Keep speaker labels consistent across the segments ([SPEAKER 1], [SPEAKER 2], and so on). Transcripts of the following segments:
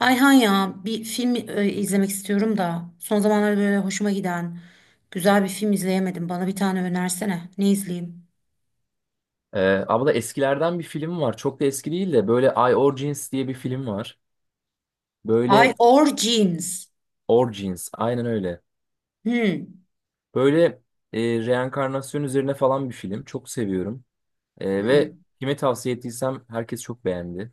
[SPEAKER 1] Ayhan, ya bir film izlemek istiyorum da son zamanlarda böyle hoşuma giden güzel bir film izleyemedim. Bana bir tane önersene. Ne izleyeyim?
[SPEAKER 2] Ee, Abla eskilerden bir film var. Çok da eski değil de böyle I Origins diye bir film var.
[SPEAKER 1] I
[SPEAKER 2] Böyle
[SPEAKER 1] Origins.
[SPEAKER 2] Origins, aynen öyle.
[SPEAKER 1] Hmm.
[SPEAKER 2] Böyle reenkarnasyon üzerine falan bir film. Çok seviyorum. Ve
[SPEAKER 1] Hmm.
[SPEAKER 2] kime tavsiye ettiysem herkes çok beğendi.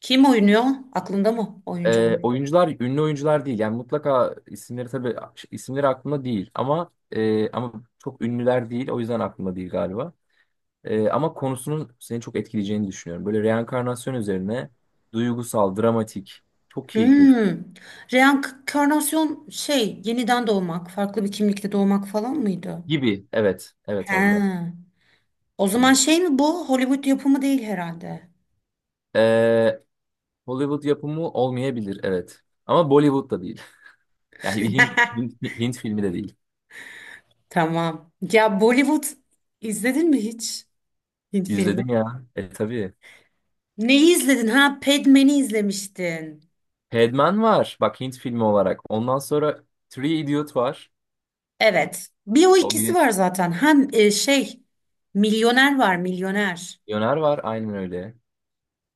[SPEAKER 1] Kim oynuyor? Aklında mı oyuncu?
[SPEAKER 2] Oyuncular ünlü oyuncular değil. Yani mutlaka isimleri, tabii isimleri aklımda değil ama ama çok ünlüler değil. O yüzden aklımda değil galiba. Ama konusunun seni çok etkileyeceğini düşünüyorum. Böyle reenkarnasyon üzerine duygusal, dramatik, çok keyifli bir...
[SPEAKER 1] Hmm. Reenkarnasyon şey yeniden doğmak, farklı bir kimlikte doğmak falan mıydı?
[SPEAKER 2] Gibi. Evet. Evet abla.
[SPEAKER 1] He. O zaman
[SPEAKER 2] Evet.
[SPEAKER 1] şey mi bu? Hollywood yapımı değil herhalde.
[SPEAKER 2] Ee, Hollywood yapımı olmayabilir. Evet. Ama Bollywood da değil. Yani bir Hint filmi de değil.
[SPEAKER 1] Tamam. Ya Bollywood izledin mi hiç? Hint filmi?
[SPEAKER 2] İzledim ya. E tabii.
[SPEAKER 1] Neyi izledin? Ha, Padman'i izlemiştin.
[SPEAKER 2] Padman var. Bak, Hint filmi olarak. Ondan sonra Three Idiot var.
[SPEAKER 1] Evet. Bir o
[SPEAKER 2] O
[SPEAKER 1] ikisi
[SPEAKER 2] bir
[SPEAKER 1] var zaten. Hem şey milyoner var, milyoner.
[SPEAKER 2] milyoner var. Aynen öyle.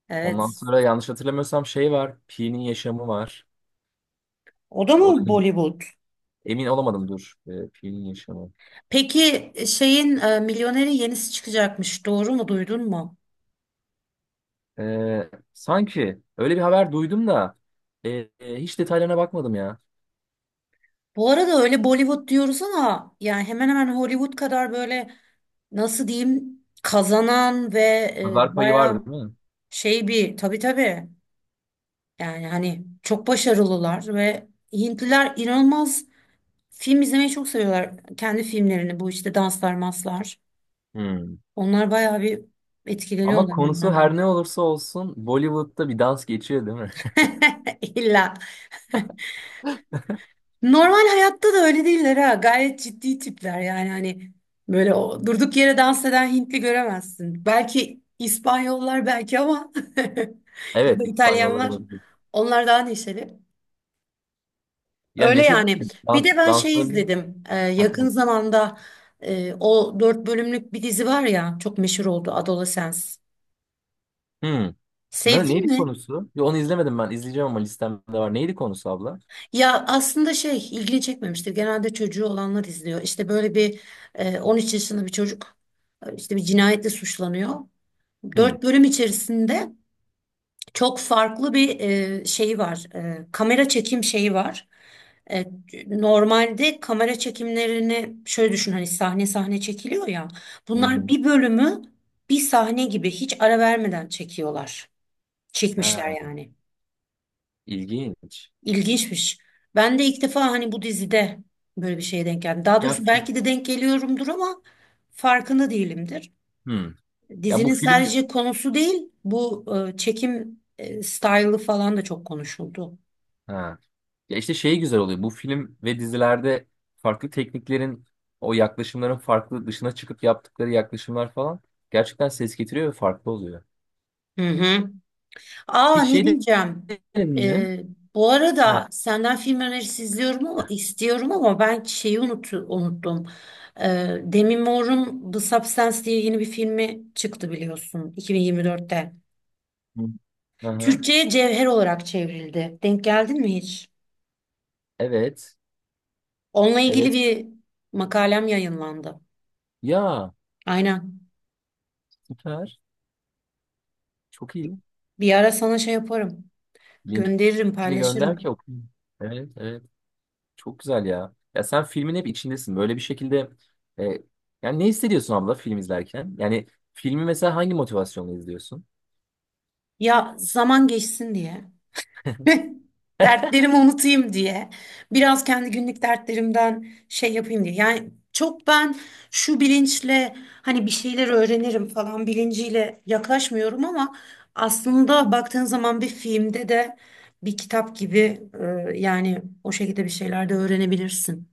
[SPEAKER 1] Evet.
[SPEAKER 2] Ondan sonra yanlış hatırlamıyorsam şey var, Pi'nin yaşamı var.
[SPEAKER 1] O da
[SPEAKER 2] O da
[SPEAKER 1] mı
[SPEAKER 2] Hint.
[SPEAKER 1] Bollywood?
[SPEAKER 2] Emin olamadım, dur. Pi'nin yaşamı.
[SPEAKER 1] Peki şeyin milyonerin yenisi çıkacakmış. Doğru mu? Duydun mu?
[SPEAKER 2] Sanki öyle bir haber duydum da e, hiç detaylarına bakmadım ya.
[SPEAKER 1] Bu arada öyle Bollywood diyoruz ama yani hemen hemen Hollywood kadar böyle nasıl diyeyim kazanan ve
[SPEAKER 2] Pazar payı var
[SPEAKER 1] baya
[SPEAKER 2] değil mi?
[SPEAKER 1] şey bir tabii, yani hani çok başarılılar ve Hintliler inanılmaz film izlemeyi çok seviyorlar. Kendi filmlerini bu işte danslar maslar.
[SPEAKER 2] Hmm.
[SPEAKER 1] Onlar bayağı bir
[SPEAKER 2] Ama
[SPEAKER 1] etkileniyorlar
[SPEAKER 2] konusu her
[SPEAKER 1] onlardan.
[SPEAKER 2] ne olursa olsun Bollywood'da bir dans geçiyor değil mi?
[SPEAKER 1] İlla. Normal hayatta da öyle değiller ha. Gayet ciddi tipler yani hani böyle o durduk yere dans eden Hintli göremezsin. Belki İspanyollar belki ama ya
[SPEAKER 2] Evet,
[SPEAKER 1] da
[SPEAKER 2] İspanyollar
[SPEAKER 1] İtalyanlar.
[SPEAKER 2] olabilir.
[SPEAKER 1] Onlar daha neşeli.
[SPEAKER 2] Ya
[SPEAKER 1] Öyle
[SPEAKER 2] Neşe değil
[SPEAKER 1] yani.
[SPEAKER 2] mi?
[SPEAKER 1] Bir
[SPEAKER 2] Dans,
[SPEAKER 1] de ben şey
[SPEAKER 2] danslarını...
[SPEAKER 1] izledim.
[SPEAKER 2] Ha,
[SPEAKER 1] Yakın
[SPEAKER 2] tamam.
[SPEAKER 1] zamanda o dört bölümlük bir dizi var ya, çok meşhur oldu, Adolescence.
[SPEAKER 2] Hmm. Ne,
[SPEAKER 1] Sevdin
[SPEAKER 2] neydi
[SPEAKER 1] mi?
[SPEAKER 2] konusu? Ya onu izlemedim ben. İzleyeceğim ama listemde var. Neydi konusu abla?
[SPEAKER 1] Ya aslında şey ilgini çekmemiştir. Genelde çocuğu olanlar izliyor. İşte böyle bir 13 yaşında bir çocuk işte bir cinayetle suçlanıyor.
[SPEAKER 2] Hmm.
[SPEAKER 1] 4 bölüm içerisinde çok farklı bir şeyi var. Kamera çekim şeyi var. E, normalde kamera çekimlerini şöyle düşün, hani sahne sahne çekiliyor ya.
[SPEAKER 2] Hı
[SPEAKER 1] Bunlar
[SPEAKER 2] hı.
[SPEAKER 1] bir bölümü bir sahne gibi hiç ara vermeden çekiyorlar. Çekmişler
[SPEAKER 2] Ha,
[SPEAKER 1] yani.
[SPEAKER 2] ilginç.
[SPEAKER 1] İlginçmiş. Ben de ilk defa hani bu dizide böyle bir şeye denk geldim. Daha
[SPEAKER 2] Ya
[SPEAKER 1] doğrusu
[SPEAKER 2] film.
[SPEAKER 1] belki de denk geliyorumdur ama farkında değilimdir.
[SPEAKER 2] Hmm. Ya bu
[SPEAKER 1] Dizinin
[SPEAKER 2] film.
[SPEAKER 1] sadece konusu değil, bu çekim style'ı falan da çok konuşuldu.
[SPEAKER 2] Ha. Ya işte şey güzel oluyor. Bu film ve dizilerde farklı tekniklerin, o yaklaşımların farklı dışına çıkıp yaptıkları yaklaşımlar falan gerçekten ses getiriyor ve farklı oluyor.
[SPEAKER 1] Hı hı. Aa,
[SPEAKER 2] Hiç
[SPEAKER 1] ne diyeceğim?
[SPEAKER 2] denedin mi?
[SPEAKER 1] E, bu arada
[SPEAKER 2] Ha.
[SPEAKER 1] senden film önerisi izliyorum ama istiyorum ama ben şeyi unuttum. E, Demi Moore'un The Substance diye yeni bir filmi çıktı biliyorsun 2024'te.
[SPEAKER 2] Hı hı.
[SPEAKER 1] Türkçe'ye cevher olarak çevrildi. Denk geldin mi hiç?
[SPEAKER 2] Evet.
[SPEAKER 1] Onunla ilgili
[SPEAKER 2] Evet.
[SPEAKER 1] bir makalem yayınlandı.
[SPEAKER 2] Ya
[SPEAKER 1] Aynen.
[SPEAKER 2] süper. Çok iyi.
[SPEAKER 1] Bir ara sana şey yaparım. Gönderirim,
[SPEAKER 2] Linkini
[SPEAKER 1] paylaşırım.
[SPEAKER 2] gönder ki okuyayım. Evet, evet. Çok güzel ya. Ya sen filmin hep içindesin. Böyle bir şekilde e, yani ne hissediyorsun abla film izlerken? Yani filmi mesela hangi motivasyonla izliyorsun?
[SPEAKER 1] Ya zaman geçsin diye. Dertlerimi unutayım diye. Biraz kendi günlük dertlerimden şey yapayım diye. Yani çok ben şu bilinçle hani bir şeyler öğrenirim falan bilinciyle yaklaşmıyorum ama aslında baktığın zaman bir filmde de bir kitap gibi, yani o şekilde bir şeyler de öğrenebilirsin.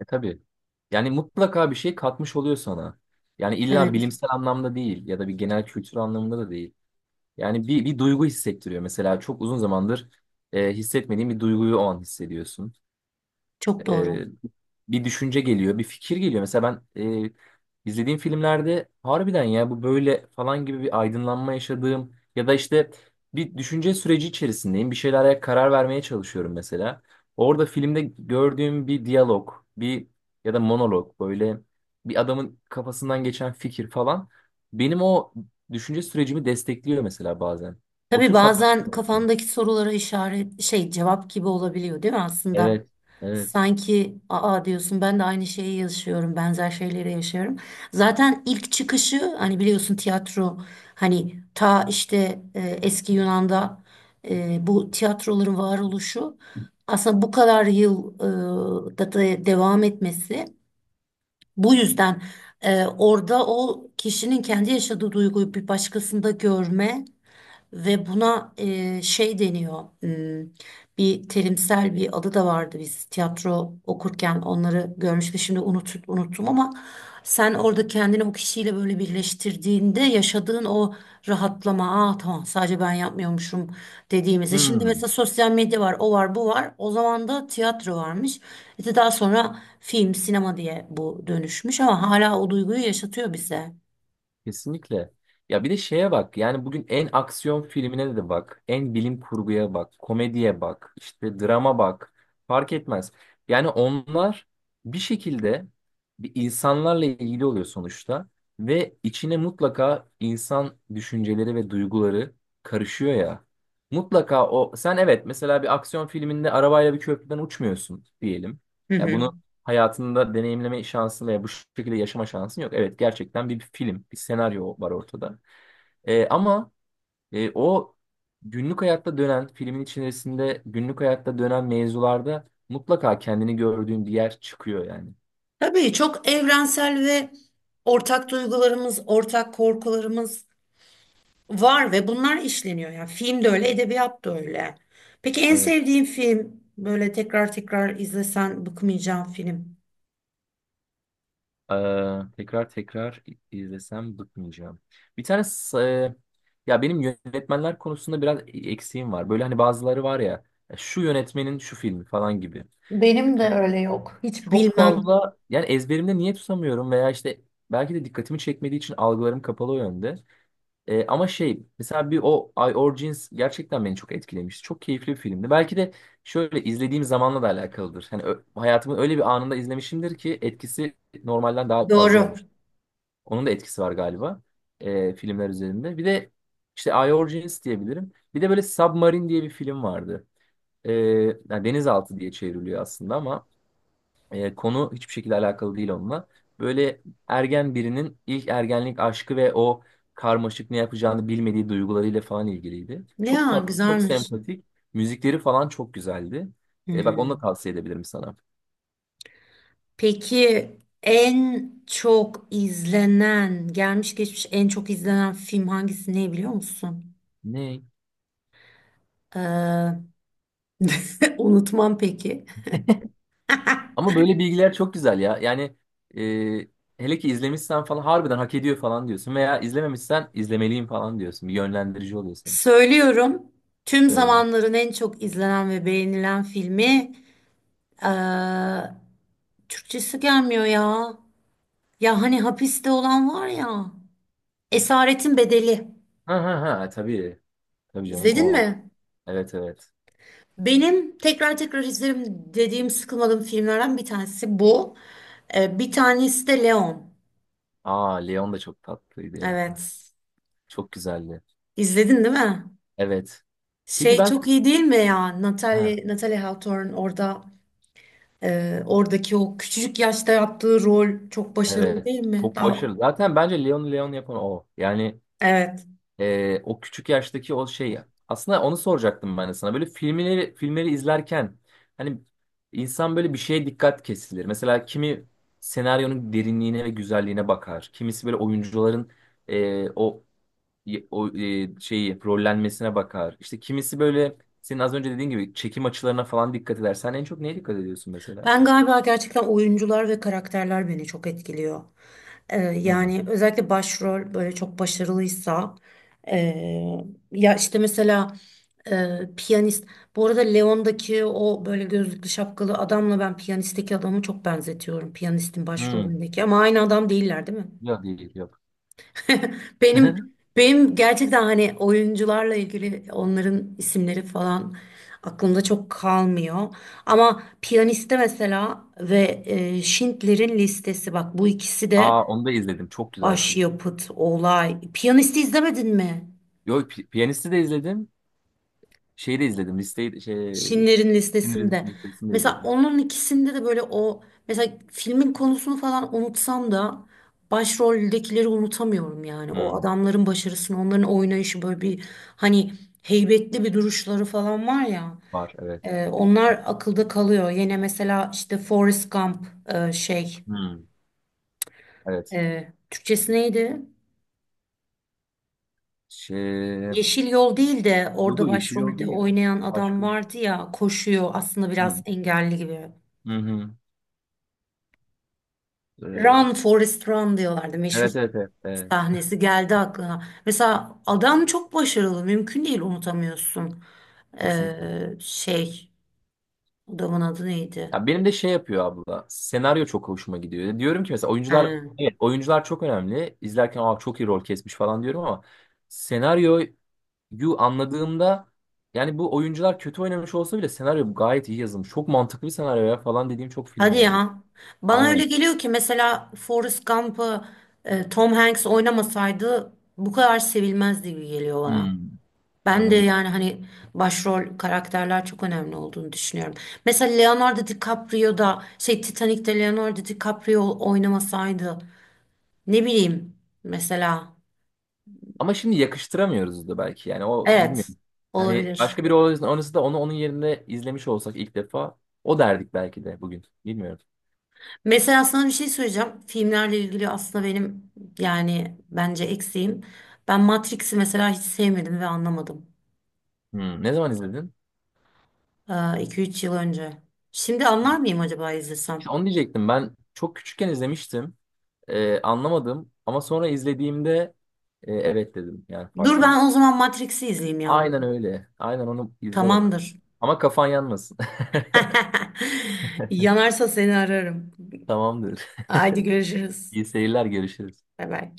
[SPEAKER 2] E tabii. Yani mutlaka bir şey katmış oluyor sana. Yani illa
[SPEAKER 1] Evet,
[SPEAKER 2] bilimsel anlamda değil ya da bir genel kültür anlamında da değil. Yani bir, bir duygu hissettiriyor. Mesela çok uzun zamandır hissetmediğin bir duyguyu o an hissediyorsun,
[SPEAKER 1] çok doğru.
[SPEAKER 2] e, bir düşünce geliyor, bir fikir geliyor. Mesela ben izlediğim filmlerde harbiden ya bu böyle falan gibi bir aydınlanma yaşadığım ya da işte bir düşünce süreci içerisindeyim. Bir şeylere karar vermeye çalışıyorum mesela. Orada filmde gördüğüm bir diyalog, bir ya da monolog, böyle bir adamın kafasından geçen fikir falan, benim o düşünce sürecimi destekliyor mesela bazen. O
[SPEAKER 1] Tabii
[SPEAKER 2] tür farklar.
[SPEAKER 1] bazen kafandaki sorulara işaret şey cevap gibi olabiliyor değil mi aslında?
[SPEAKER 2] Evet, evet.
[SPEAKER 1] Sanki aa diyorsun ben de aynı şeyi yaşıyorum, benzer şeyleri yaşıyorum. Zaten ilk çıkışı hani biliyorsun tiyatro, hani ta işte eski Yunan'da bu tiyatroların varoluşu, aslında bu kadar yıl e, da da devam etmesi bu yüzden. Orada o kişinin kendi yaşadığı duyguyu bir başkasında görme ve buna şey deniyor. Hmm, bir terimsel bir adı da vardı, biz tiyatro okurken onları görmüştük. Şimdi unuttum ama sen orada kendini o kişiyle böyle birleştirdiğinde yaşadığın o rahatlama, aa tamam sadece ben yapmıyormuşum dediğimizde. Şimdi
[SPEAKER 2] Hmm.
[SPEAKER 1] mesela sosyal medya var, o var, bu var. O zaman da tiyatro varmış. İşte daha sonra film, sinema diye bu dönüşmüş ama hala o duyguyu yaşatıyor bize.
[SPEAKER 2] Kesinlikle. Ya bir de şeye bak. Yani bugün en aksiyon filmine de bak. En bilim kurguya bak. Komediye bak. İşte drama bak. Fark etmez. Yani onlar bir şekilde bir insanlarla ilgili oluyor sonuçta. Ve içine mutlaka insan düşünceleri ve duyguları karışıyor ya. Mutlaka o, sen evet mesela bir aksiyon filminde arabayla bir köprüden uçmuyorsun diyelim.
[SPEAKER 1] Hı
[SPEAKER 2] Ya
[SPEAKER 1] hı.
[SPEAKER 2] bunu hayatında deneyimleme şansın veya bu şekilde yaşama şansın yok. Evet, gerçekten bir film, bir senaryo var ortada. Ama o günlük hayatta dönen, filmin içerisinde günlük hayatta dönen mevzularda mutlaka kendini gördüğün bir yer çıkıyor yani.
[SPEAKER 1] Tabii çok evrensel ve ortak duygularımız, ortak korkularımız var ve bunlar işleniyor. Yani film de öyle, edebiyat da öyle. Peki en
[SPEAKER 2] Evet.
[SPEAKER 1] sevdiğin film, böyle tekrar tekrar izlesen bıkmayacağın film?
[SPEAKER 2] Tekrar tekrar izlesem bıkmayacağım. Bir tane ya benim yönetmenler konusunda biraz eksiğim var. Böyle hani bazıları var ya, şu yönetmenin şu filmi falan gibi.
[SPEAKER 1] Benim de öyle yok. Hiç
[SPEAKER 2] Çok
[SPEAKER 1] bilmem.
[SPEAKER 2] fazla yani, ezberimde niye tutamıyorum veya işte belki de dikkatimi çekmediği için algılarım kapalı o yönde. Ama şey mesela bir o I Origins gerçekten beni çok etkilemişti. Çok keyifli bir filmdi. Belki de şöyle izlediğim zamanla da alakalıdır. Hani hayatımın öyle bir anında izlemişimdir ki etkisi normalden daha fazla
[SPEAKER 1] Doğru.
[SPEAKER 2] olmuş. Onun da etkisi var galiba filmler üzerinde. Bir de işte I Origins diyebilirim. Bir de böyle Submarine diye bir film vardı. Ee, Yani denizaltı diye çevriliyor aslında ama konu hiçbir şekilde alakalı değil onunla. Böyle ergen birinin ilk ergenlik aşkı ve o karmaşık ne yapacağını bilmediği duygularıyla falan ilgiliydi. Çok
[SPEAKER 1] Ya
[SPEAKER 2] tatlı, çok
[SPEAKER 1] güzelmiş.
[SPEAKER 2] sempatik. Müzikleri falan çok güzeldi. Bak onu da
[SPEAKER 1] Hmm.
[SPEAKER 2] tavsiye edebilirim sana.
[SPEAKER 1] Peki en çok izlenen, gelmiş geçmiş en çok izlenen film hangisi ne biliyor musun?
[SPEAKER 2] Ne?
[SPEAKER 1] Ee, unutmam peki.
[SPEAKER 2] Ama böyle bilgiler çok güzel ya. Yani hele ki izlemişsen falan harbiden hak ediyor falan diyorsun. Veya izlememişsen izlemeliyim falan diyorsun. Bir yönlendirici oluyor senin.
[SPEAKER 1] Söylüyorum. Tüm
[SPEAKER 2] Söyle.
[SPEAKER 1] zamanların en çok izlenen ve beğenilen filmi eee, Türkçesi gelmiyor ya. Ya hani hapiste olan var ya. Esaretin Bedeli.
[SPEAKER 2] Ha ha ha, tabii. Tabii canım
[SPEAKER 1] İzledin
[SPEAKER 2] o.
[SPEAKER 1] mi?
[SPEAKER 2] Evet, evet.
[SPEAKER 1] Benim tekrar tekrar izlerim dediğim, sıkılmadığım filmlerden bir tanesi bu. Bir tanesi de Leon.
[SPEAKER 2] Aa, Leon da çok tatlıydı ya.
[SPEAKER 1] Evet.
[SPEAKER 2] Çok güzeldi.
[SPEAKER 1] İzledin değil mi?
[SPEAKER 2] Evet. Peki
[SPEAKER 1] Şey
[SPEAKER 2] ben,
[SPEAKER 1] çok iyi değil mi ya?
[SPEAKER 2] ha,
[SPEAKER 1] Natalie, Natalie Hawthorne orada oradaki o küçücük yaşta yaptığı rol çok başarılı
[SPEAKER 2] evet.
[SPEAKER 1] değil mi?
[SPEAKER 2] Çok
[SPEAKER 1] Daha,
[SPEAKER 2] başarılı. Zaten bence Leon yapan o. Yani
[SPEAKER 1] evet.
[SPEAKER 2] o küçük yaştaki o şey. Aslında onu soracaktım ben de sana. Böyle filmleri izlerken hani insan böyle bir şeye dikkat kesilir. Mesela kimi senaryonun derinliğine ve güzelliğine bakar. Kimisi böyle oyuncuların e, o şeyi rollenmesine bakar. İşte kimisi böyle senin az önce dediğin gibi çekim açılarına falan dikkat eder. Sen en çok neye dikkat ediyorsun mesela?
[SPEAKER 1] Ben galiba gerçekten oyuncular ve karakterler beni çok etkiliyor.
[SPEAKER 2] Hı
[SPEAKER 1] Yani özellikle başrol böyle çok başarılıysa, ee, ya işte mesela piyanist. Bu arada Leon'daki o böyle gözlüklü şapkalı adamla ben piyanistteki adamı çok benzetiyorum. Piyanistin
[SPEAKER 2] hı.
[SPEAKER 1] başrolündeki ama aynı adam değiller, değil mi?
[SPEAKER 2] Yok, değil yok.
[SPEAKER 1] Benim benim gerçekten hani oyuncularla ilgili onların isimleri falan aklımda çok kalmıyor. Ama piyaniste mesela ve Schindler'in Listesi, bak bu ikisi de
[SPEAKER 2] Aa, onu da izledim. Çok güzel film.
[SPEAKER 1] başyapıt, olay. Piyanisti izlemedin mi?
[SPEAKER 2] Yok, Piyanist'i de izledim. Şeyi de izledim. Listeyi, şey,
[SPEAKER 1] Şinlerin
[SPEAKER 2] filmin
[SPEAKER 1] listesinde.
[SPEAKER 2] listesini de
[SPEAKER 1] Mesela
[SPEAKER 2] izledim.
[SPEAKER 1] onun ikisinde de böyle o, mesela filmin konusunu falan unutsam da başroldekileri unutamıyorum yani. O
[SPEAKER 2] Hmm,
[SPEAKER 1] adamların başarısını, onların oynayışı, böyle bir hani heybetli bir duruşları falan var ya.
[SPEAKER 2] var evet.
[SPEAKER 1] Onlar akılda kalıyor. Yine mesela işte Forrest Gump, e, şey
[SPEAKER 2] Hmm, evet.
[SPEAKER 1] Türkçesi neydi?
[SPEAKER 2] Şey,
[SPEAKER 1] Yeşil Yol değil de
[SPEAKER 2] yok
[SPEAKER 1] orada
[SPEAKER 2] o Yeşil Yol
[SPEAKER 1] başrolde
[SPEAKER 2] değil o.
[SPEAKER 1] oynayan adam
[SPEAKER 2] Başka bir şey.
[SPEAKER 1] vardı ya, koşuyor aslında biraz
[SPEAKER 2] Hmm.
[SPEAKER 1] engelli gibi.
[SPEAKER 2] Hı hı. Ee,
[SPEAKER 1] Run Forrest Run diyorlardı. Meşhur
[SPEAKER 2] evet, evet, evet, evet,
[SPEAKER 1] sahnesi geldi aklına. Mesela adam çok başarılı. Mümkün değil unutamıyorsun.
[SPEAKER 2] kesinlikle.
[SPEAKER 1] Ee, şey adamın adı neydi?
[SPEAKER 2] Ya benim de şey yapıyor abla. Senaryo çok hoşuma gidiyor. Diyorum ki mesela
[SPEAKER 1] He.
[SPEAKER 2] oyuncular, evet oyuncular çok önemli. İzlerken aa, çok iyi rol kesmiş falan diyorum ama senaryo, Yu anladığımda yani bu oyuncular kötü oynamış olsa bile senaryo gayet iyi yazılmış. Çok mantıklı bir senaryo ya falan dediğim çok film
[SPEAKER 1] Hadi
[SPEAKER 2] oluyordu.
[SPEAKER 1] ya. Bana öyle
[SPEAKER 2] Aynen.
[SPEAKER 1] geliyor ki mesela Forrest Gump'ı Tom Hanks oynamasaydı bu kadar sevilmezdi gibi geliyor bana.
[SPEAKER 2] Hmm.
[SPEAKER 1] Ben de
[SPEAKER 2] Anladım.
[SPEAKER 1] yani hani başrol karakterler çok önemli olduğunu düşünüyorum. Mesela Leonardo DiCaprio da şey Titanic'te Leonardo DiCaprio oynamasaydı, ne bileyim mesela.
[SPEAKER 2] Ama şimdi yakıştıramıyoruz da belki yani o
[SPEAKER 1] Evet,
[SPEAKER 2] bilmiyorum. Hani
[SPEAKER 1] olabilir.
[SPEAKER 2] başka biri oynasa, oynasa da onu onun yerinde izlemiş olsak ilk defa o derdik belki de bugün. Bilmiyorum.
[SPEAKER 1] Mesela sana bir şey söyleyeceğim. Filmlerle ilgili aslında benim yani bence eksiğim. Ben Matrix'i mesela hiç sevmedim ve anlamadım.
[SPEAKER 2] Hmm. Ne zaman izledin?
[SPEAKER 1] İki üç yıl önce. Şimdi anlar mıyım acaba
[SPEAKER 2] İşte
[SPEAKER 1] izlesem?
[SPEAKER 2] onu diyecektim, ben çok küçükken izlemiştim. Anlamadım ama sonra izlediğimde evet dedim, yani
[SPEAKER 1] Dur,
[SPEAKER 2] farklıyım.
[SPEAKER 1] ben o zaman Matrix'i izleyeyim ya.
[SPEAKER 2] Aynen öyle. Aynen onu izle bakalım.
[SPEAKER 1] Tamamdır.
[SPEAKER 2] Ama kafan yanmasın.
[SPEAKER 1] Yanarsa seni ararım.
[SPEAKER 2] Tamamdır.
[SPEAKER 1] Haydi görüşürüz.
[SPEAKER 2] İyi seyirler, görüşürüz.
[SPEAKER 1] Bay bay.